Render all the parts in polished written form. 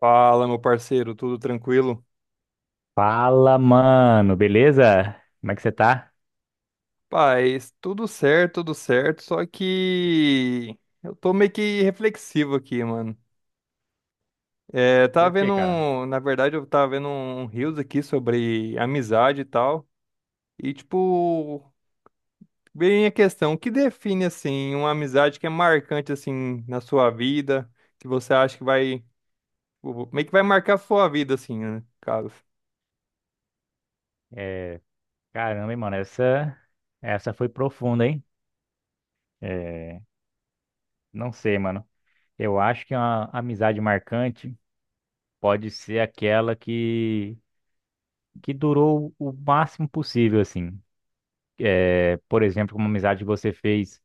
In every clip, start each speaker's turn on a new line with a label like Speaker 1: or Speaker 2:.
Speaker 1: Fala, meu parceiro, tudo tranquilo?
Speaker 2: Fala, mano, beleza? Como é que você tá?
Speaker 1: Paz, tudo certo, só que eu tô meio que reflexivo aqui, mano. É, tava
Speaker 2: Por quê,
Speaker 1: vendo,
Speaker 2: cara?
Speaker 1: na verdade, eu tava vendo um reels aqui sobre amizade e tal, e tipo, bem a questão, o que define, assim, uma amizade que é marcante, assim, na sua vida, que você acha que vai, meio que vai marcar a sua vida, assim, né, cara?
Speaker 2: É, caramba, hein, mano, essa foi profunda, hein? É, não sei, mano. Eu acho que uma amizade marcante pode ser aquela que durou o máximo possível, assim. É, por exemplo, uma amizade que você fez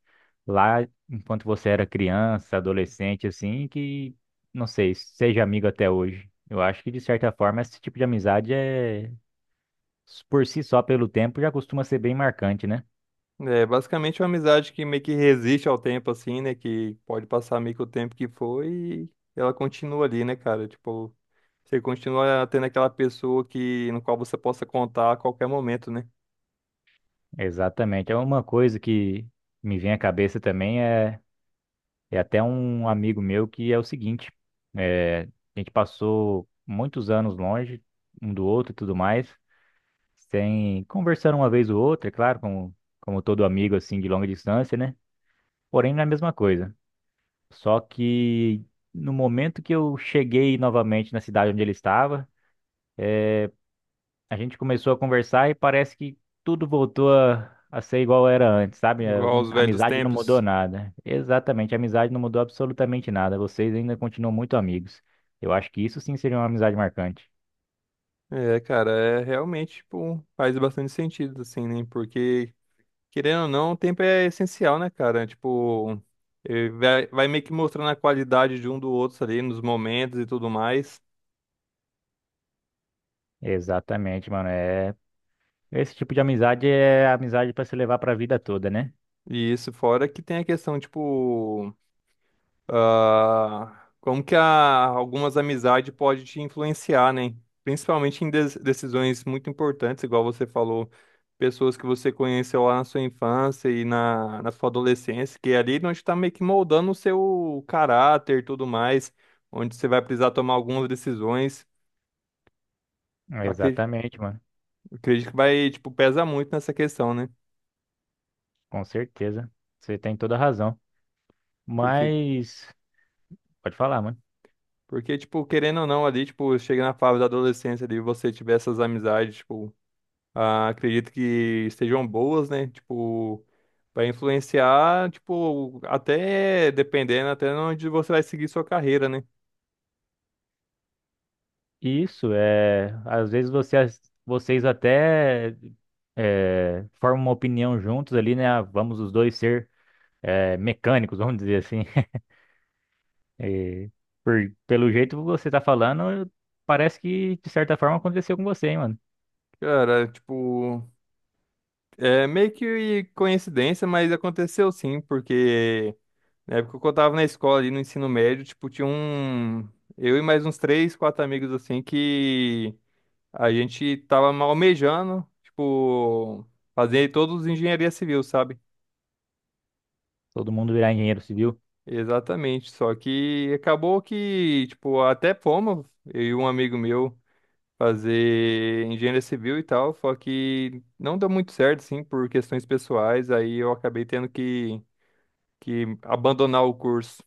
Speaker 2: lá enquanto você era criança, adolescente, assim, que, não sei, seja amigo até hoje. Eu acho que, de certa forma, esse tipo de amizade é, por si só, pelo tempo, já costuma ser bem marcante, né?
Speaker 1: É basicamente uma amizade que meio que resiste ao tempo, assim, né? Que pode passar meio que o tempo que foi e ela continua ali, né, cara? Tipo, você continua tendo aquela pessoa que, no qual você possa contar a qualquer momento, né?
Speaker 2: Exatamente. É uma coisa que me vem à cabeça também é, é até um amigo meu que é o seguinte: é, a gente passou muitos anos longe um do outro e tudo mais, sem conversar uma vez ou outra, é claro, como todo amigo assim de longa distância, né? Porém, não é a mesma coisa. Só que no momento que eu cheguei novamente na cidade onde ele estava, a gente começou a conversar e parece que tudo voltou a ser igual era antes, sabe? A
Speaker 1: Igual aos
Speaker 2: a
Speaker 1: velhos
Speaker 2: amizade não
Speaker 1: tempos.
Speaker 2: mudou nada. Exatamente, a amizade não mudou absolutamente nada. Vocês ainda continuam muito amigos. Eu acho que isso sim seria uma amizade marcante.
Speaker 1: É, cara, é realmente, tipo, faz bastante sentido, assim, né? Porque, querendo ou não, o tempo é essencial, né, cara? Tipo, vai meio que mostrando a qualidade de um do outro ali nos momentos e tudo mais.
Speaker 2: Exatamente, mano. É... Esse tipo de amizade é amizade pra se levar pra vida toda, né?
Speaker 1: E isso fora que tem a questão, tipo. Ah, como que a, algumas amizades podem te influenciar, né? Principalmente em decisões muito importantes, igual você falou, pessoas que você conheceu lá na sua infância e na sua adolescência, que é ali onde está meio que moldando o seu caráter e tudo mais, onde você vai precisar tomar algumas decisões. Eu acre-
Speaker 2: Exatamente, mano.
Speaker 1: Acredito que vai, tipo, pesa muito nessa questão, né?
Speaker 2: Com certeza. Você tem toda a razão.
Speaker 1: Porque,
Speaker 2: Mas. Pode falar, mano.
Speaker 1: porque, tipo, querendo ou não, ali, tipo, chega na fase da adolescência ali, você tiver essas amizades, tipo. Ah, acredito que estejam boas, né? Tipo, vai influenciar, tipo, até dependendo, até onde você vai seguir sua carreira, né?
Speaker 2: Isso é, às vezes você, vocês até é, formam uma opinião juntos ali, né? Ah, vamos os dois ser é, mecânicos, vamos dizer assim. E pelo jeito que você tá falando, parece que de certa forma aconteceu com você, hein, mano?
Speaker 1: Cara, tipo, é meio que coincidência, mas aconteceu sim, porque na época que eu tava na escola ali no ensino médio, tipo, tinha um. Eu e mais uns três, quatro amigos assim que a gente tava almejando, tipo, fazer todos engenharia civil, sabe?
Speaker 2: Todo mundo virar engenheiro civil.
Speaker 1: Exatamente, só que acabou que, tipo, até fomos, eu e um amigo meu, fazer engenharia civil e tal, só que não deu muito certo, assim, por questões pessoais, aí eu acabei tendo que abandonar o curso.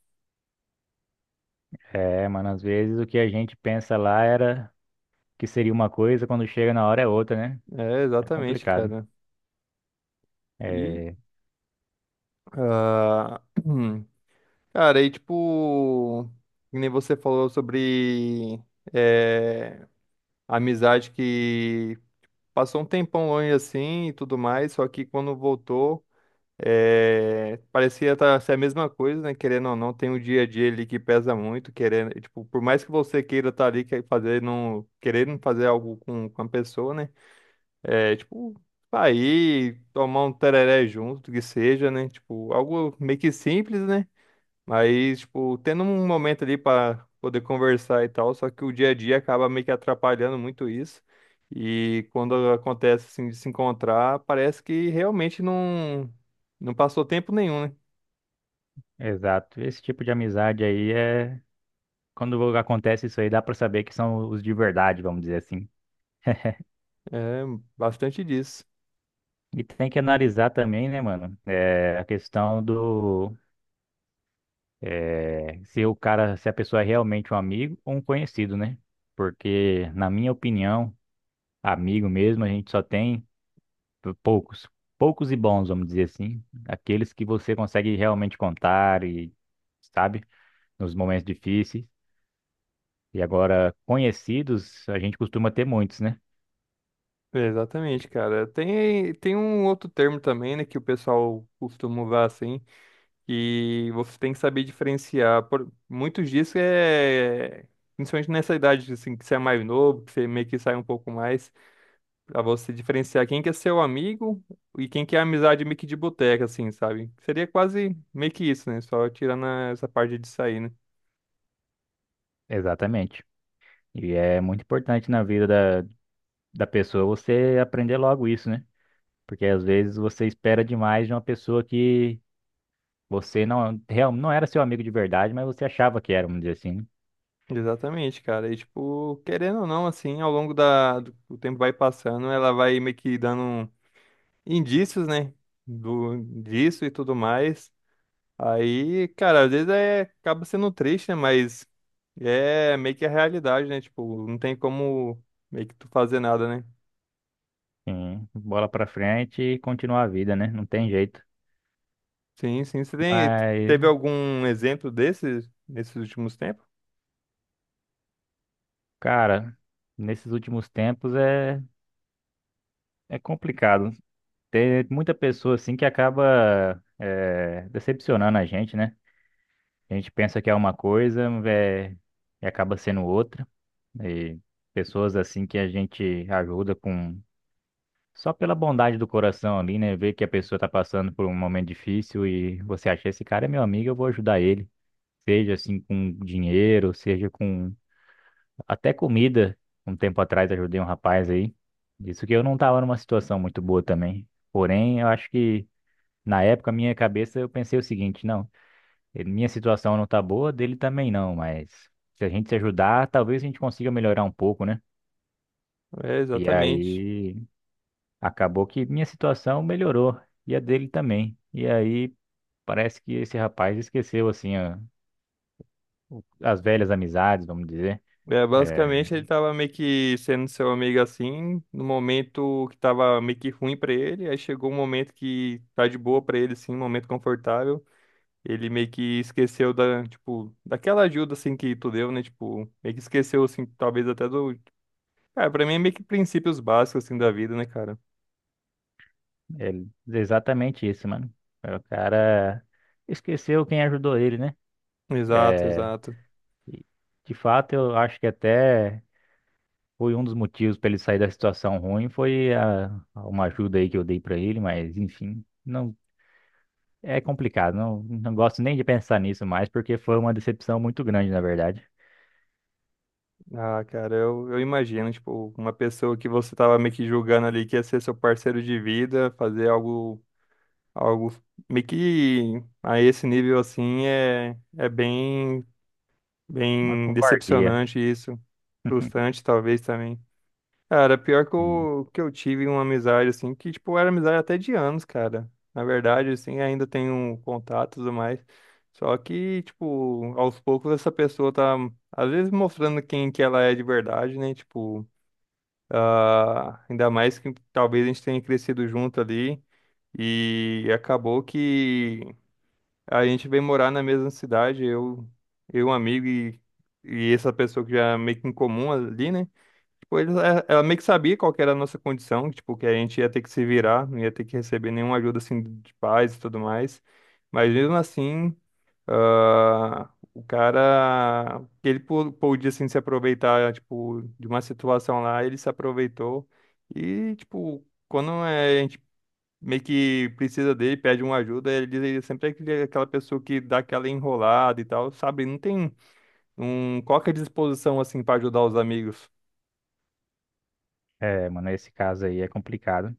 Speaker 2: É, mano, às vezes o que a gente pensa lá era que seria uma coisa, quando chega na hora é outra, né?
Speaker 1: É,
Speaker 2: É
Speaker 1: exatamente,
Speaker 2: complicado.
Speaker 1: cara. E,
Speaker 2: É,
Speaker 1: ah, cara, aí, tipo, que nem você falou sobre eh, amizade que passou um tempão longe, assim, e tudo mais, só que quando voltou é, parecia tá, ser a mesma coisa, né? Querendo ou não, tem um dia a dia ali que pesa muito, querendo, e, tipo, por mais que você queira estar ali, quer fazer não, querendo fazer algo com a pessoa, né? É, tipo, sair, tomar um tereré junto, que seja, né? Tipo, algo meio que simples, né? Aí, tipo, tendo um momento ali pra poder conversar e tal, só que o dia a dia acaba meio que atrapalhando muito isso. E quando acontece assim de se encontrar, parece que realmente não passou tempo nenhum, né?
Speaker 2: exato. Esse tipo de amizade aí é quando acontece isso aí, dá pra saber que são os de verdade, vamos dizer assim.
Speaker 1: É bastante disso.
Speaker 2: E tem que analisar também, né, mano, é, a questão do é, se o cara, se a pessoa é realmente um amigo ou um conhecido, né? Porque, na minha opinião, amigo mesmo, a gente só tem poucos, poucos e bons, vamos dizer assim, aqueles que você consegue realmente contar e, sabe, nos momentos difíceis. E agora, conhecidos, a gente costuma ter muitos, né?
Speaker 1: Exatamente, cara. Tem um outro termo também, né, que o pessoal costuma usar assim, e você tem que saber diferenciar. Por, muitos disso é, principalmente nessa idade, assim, que você é mais novo, que você meio que sai um pouco mais. Pra você diferenciar quem que é seu amigo e quem que é amizade meio que de boteca, assim, sabe? Seria quase meio que isso, né? Só tirando essa parte de sair, né?
Speaker 2: Exatamente. E é muito importante na vida da, da pessoa você aprender logo isso, né? Porque às vezes você espera demais de uma pessoa que você não, real, não era seu amigo de verdade, mas você achava que era, vamos dizer assim, né?
Speaker 1: Exatamente, cara. E, tipo, querendo ou não, assim, ao longo da, do o tempo vai passando, ela vai meio que dando indícios, né? Do, disso e tudo mais. Aí, cara, às vezes é, acaba sendo triste, né? Mas é meio que a realidade, né? Tipo, não tem como meio que tu fazer nada, né?
Speaker 2: Sim, bola pra frente e continuar a vida, né? Não tem jeito.
Speaker 1: Sim, sim. Você tem,
Speaker 2: Mas,
Speaker 1: teve algum exemplo desses nesses últimos tempos?
Speaker 2: cara, nesses últimos tempos é, é complicado. Tem muita pessoa assim que acaba é, decepcionando a gente, né? A gente pensa que é uma coisa, é, e acaba sendo outra. E pessoas assim que a gente ajuda com só pela bondade do coração ali, né? Ver que a pessoa tá passando por um momento difícil e você acha, esse cara é meu amigo, eu vou ajudar ele. Seja assim com dinheiro, seja com até comida. Um tempo atrás ajudei um rapaz aí. Isso que eu não tava numa situação muito boa também. Porém, eu acho que na época, minha cabeça, eu pensei o seguinte, não, minha situação não tá boa, dele também não, mas se a gente se ajudar, talvez a gente consiga melhorar um pouco, né?
Speaker 1: É,
Speaker 2: E
Speaker 1: exatamente.
Speaker 2: aí, acabou que minha situação melhorou e a dele também. E aí parece que esse rapaz esqueceu assim as velhas amizades, vamos dizer.
Speaker 1: É,
Speaker 2: É,
Speaker 1: basicamente ele tava meio que sendo seu amigo assim, no momento que tava meio que ruim pra ele, aí chegou um momento que tá de boa pra ele assim, um momento confortável. Ele meio que esqueceu da, tipo, daquela ajuda assim que tu deu, né? Tipo, meio que esqueceu assim, talvez até do, cara, pra mim é meio que princípios básicos assim da vida, né, cara?
Speaker 2: exatamente isso, mano. É, o cara esqueceu quem ajudou ele, né?
Speaker 1: Exato,
Speaker 2: É,
Speaker 1: exato.
Speaker 2: e, de fato, eu acho que até foi um dos motivos para ele sair da situação ruim, foi a uma ajuda aí que eu dei para ele, mas enfim, não é complicado. Não, não gosto nem de pensar nisso mais, porque foi uma decepção muito grande, na verdade.
Speaker 1: Ah, cara, eu imagino, tipo, uma pessoa que você tava meio que julgando ali que ia ser seu parceiro de vida, fazer algo, algo meio que a esse nível assim é, é bem,
Speaker 2: Uma
Speaker 1: bem
Speaker 2: covardia.
Speaker 1: decepcionante isso, frustrante talvez também. Cara, pior
Speaker 2: Sim.
Speaker 1: que eu tive uma amizade, assim, que, tipo, era amizade até de anos, cara. Na verdade, assim, ainda tenho um contato e tudo mais. Só que, tipo, aos poucos essa pessoa tá, às vezes, mostrando quem que ela é de verdade, né? Tipo, ah, ainda mais que talvez a gente tenha crescido junto ali. E acabou que a gente veio morar na mesma cidade, eu, um amigo e essa pessoa que já é meio que em comum ali, né? Ela meio que sabia qual que era a nossa condição, tipo, que a gente ia ter que se virar, não ia ter que receber nenhuma ajuda, assim, de pais e tudo mais. Mas mesmo assim, ah, o cara, ele podia, assim, se aproveitar, tipo, de uma situação lá, ele se aproveitou. E, tipo, quando é, a gente meio que precisa dele, pede uma ajuda, ele diz, ele sempre é aquela pessoa que dá aquela enrolada e tal, sabe? Não tem um, qualquer disposição, assim, para ajudar os amigos.
Speaker 2: É, mano, esse caso aí é complicado.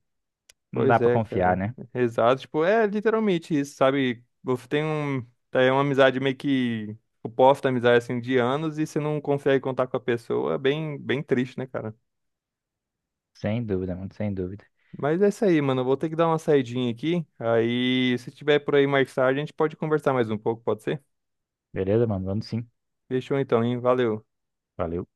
Speaker 2: Não dá
Speaker 1: Pois
Speaker 2: pra
Speaker 1: é,
Speaker 2: confiar,
Speaker 1: cara.
Speaker 2: né?
Speaker 1: Exato. Tipo, é literalmente isso, sabe? Você tem um, tá, é uma amizade meio que o posto da amizade assim de anos e você não consegue contar com a pessoa, é bem, bem triste, né, cara?
Speaker 2: Sem dúvida, mano, sem dúvida.
Speaker 1: Mas é isso aí, mano. Eu vou ter que dar uma saidinha aqui. Aí, se tiver por aí mais tarde, a gente pode conversar mais um pouco, pode ser?
Speaker 2: Beleza, mano? Vamos sim.
Speaker 1: Fechou então, hein? Valeu.
Speaker 2: Valeu.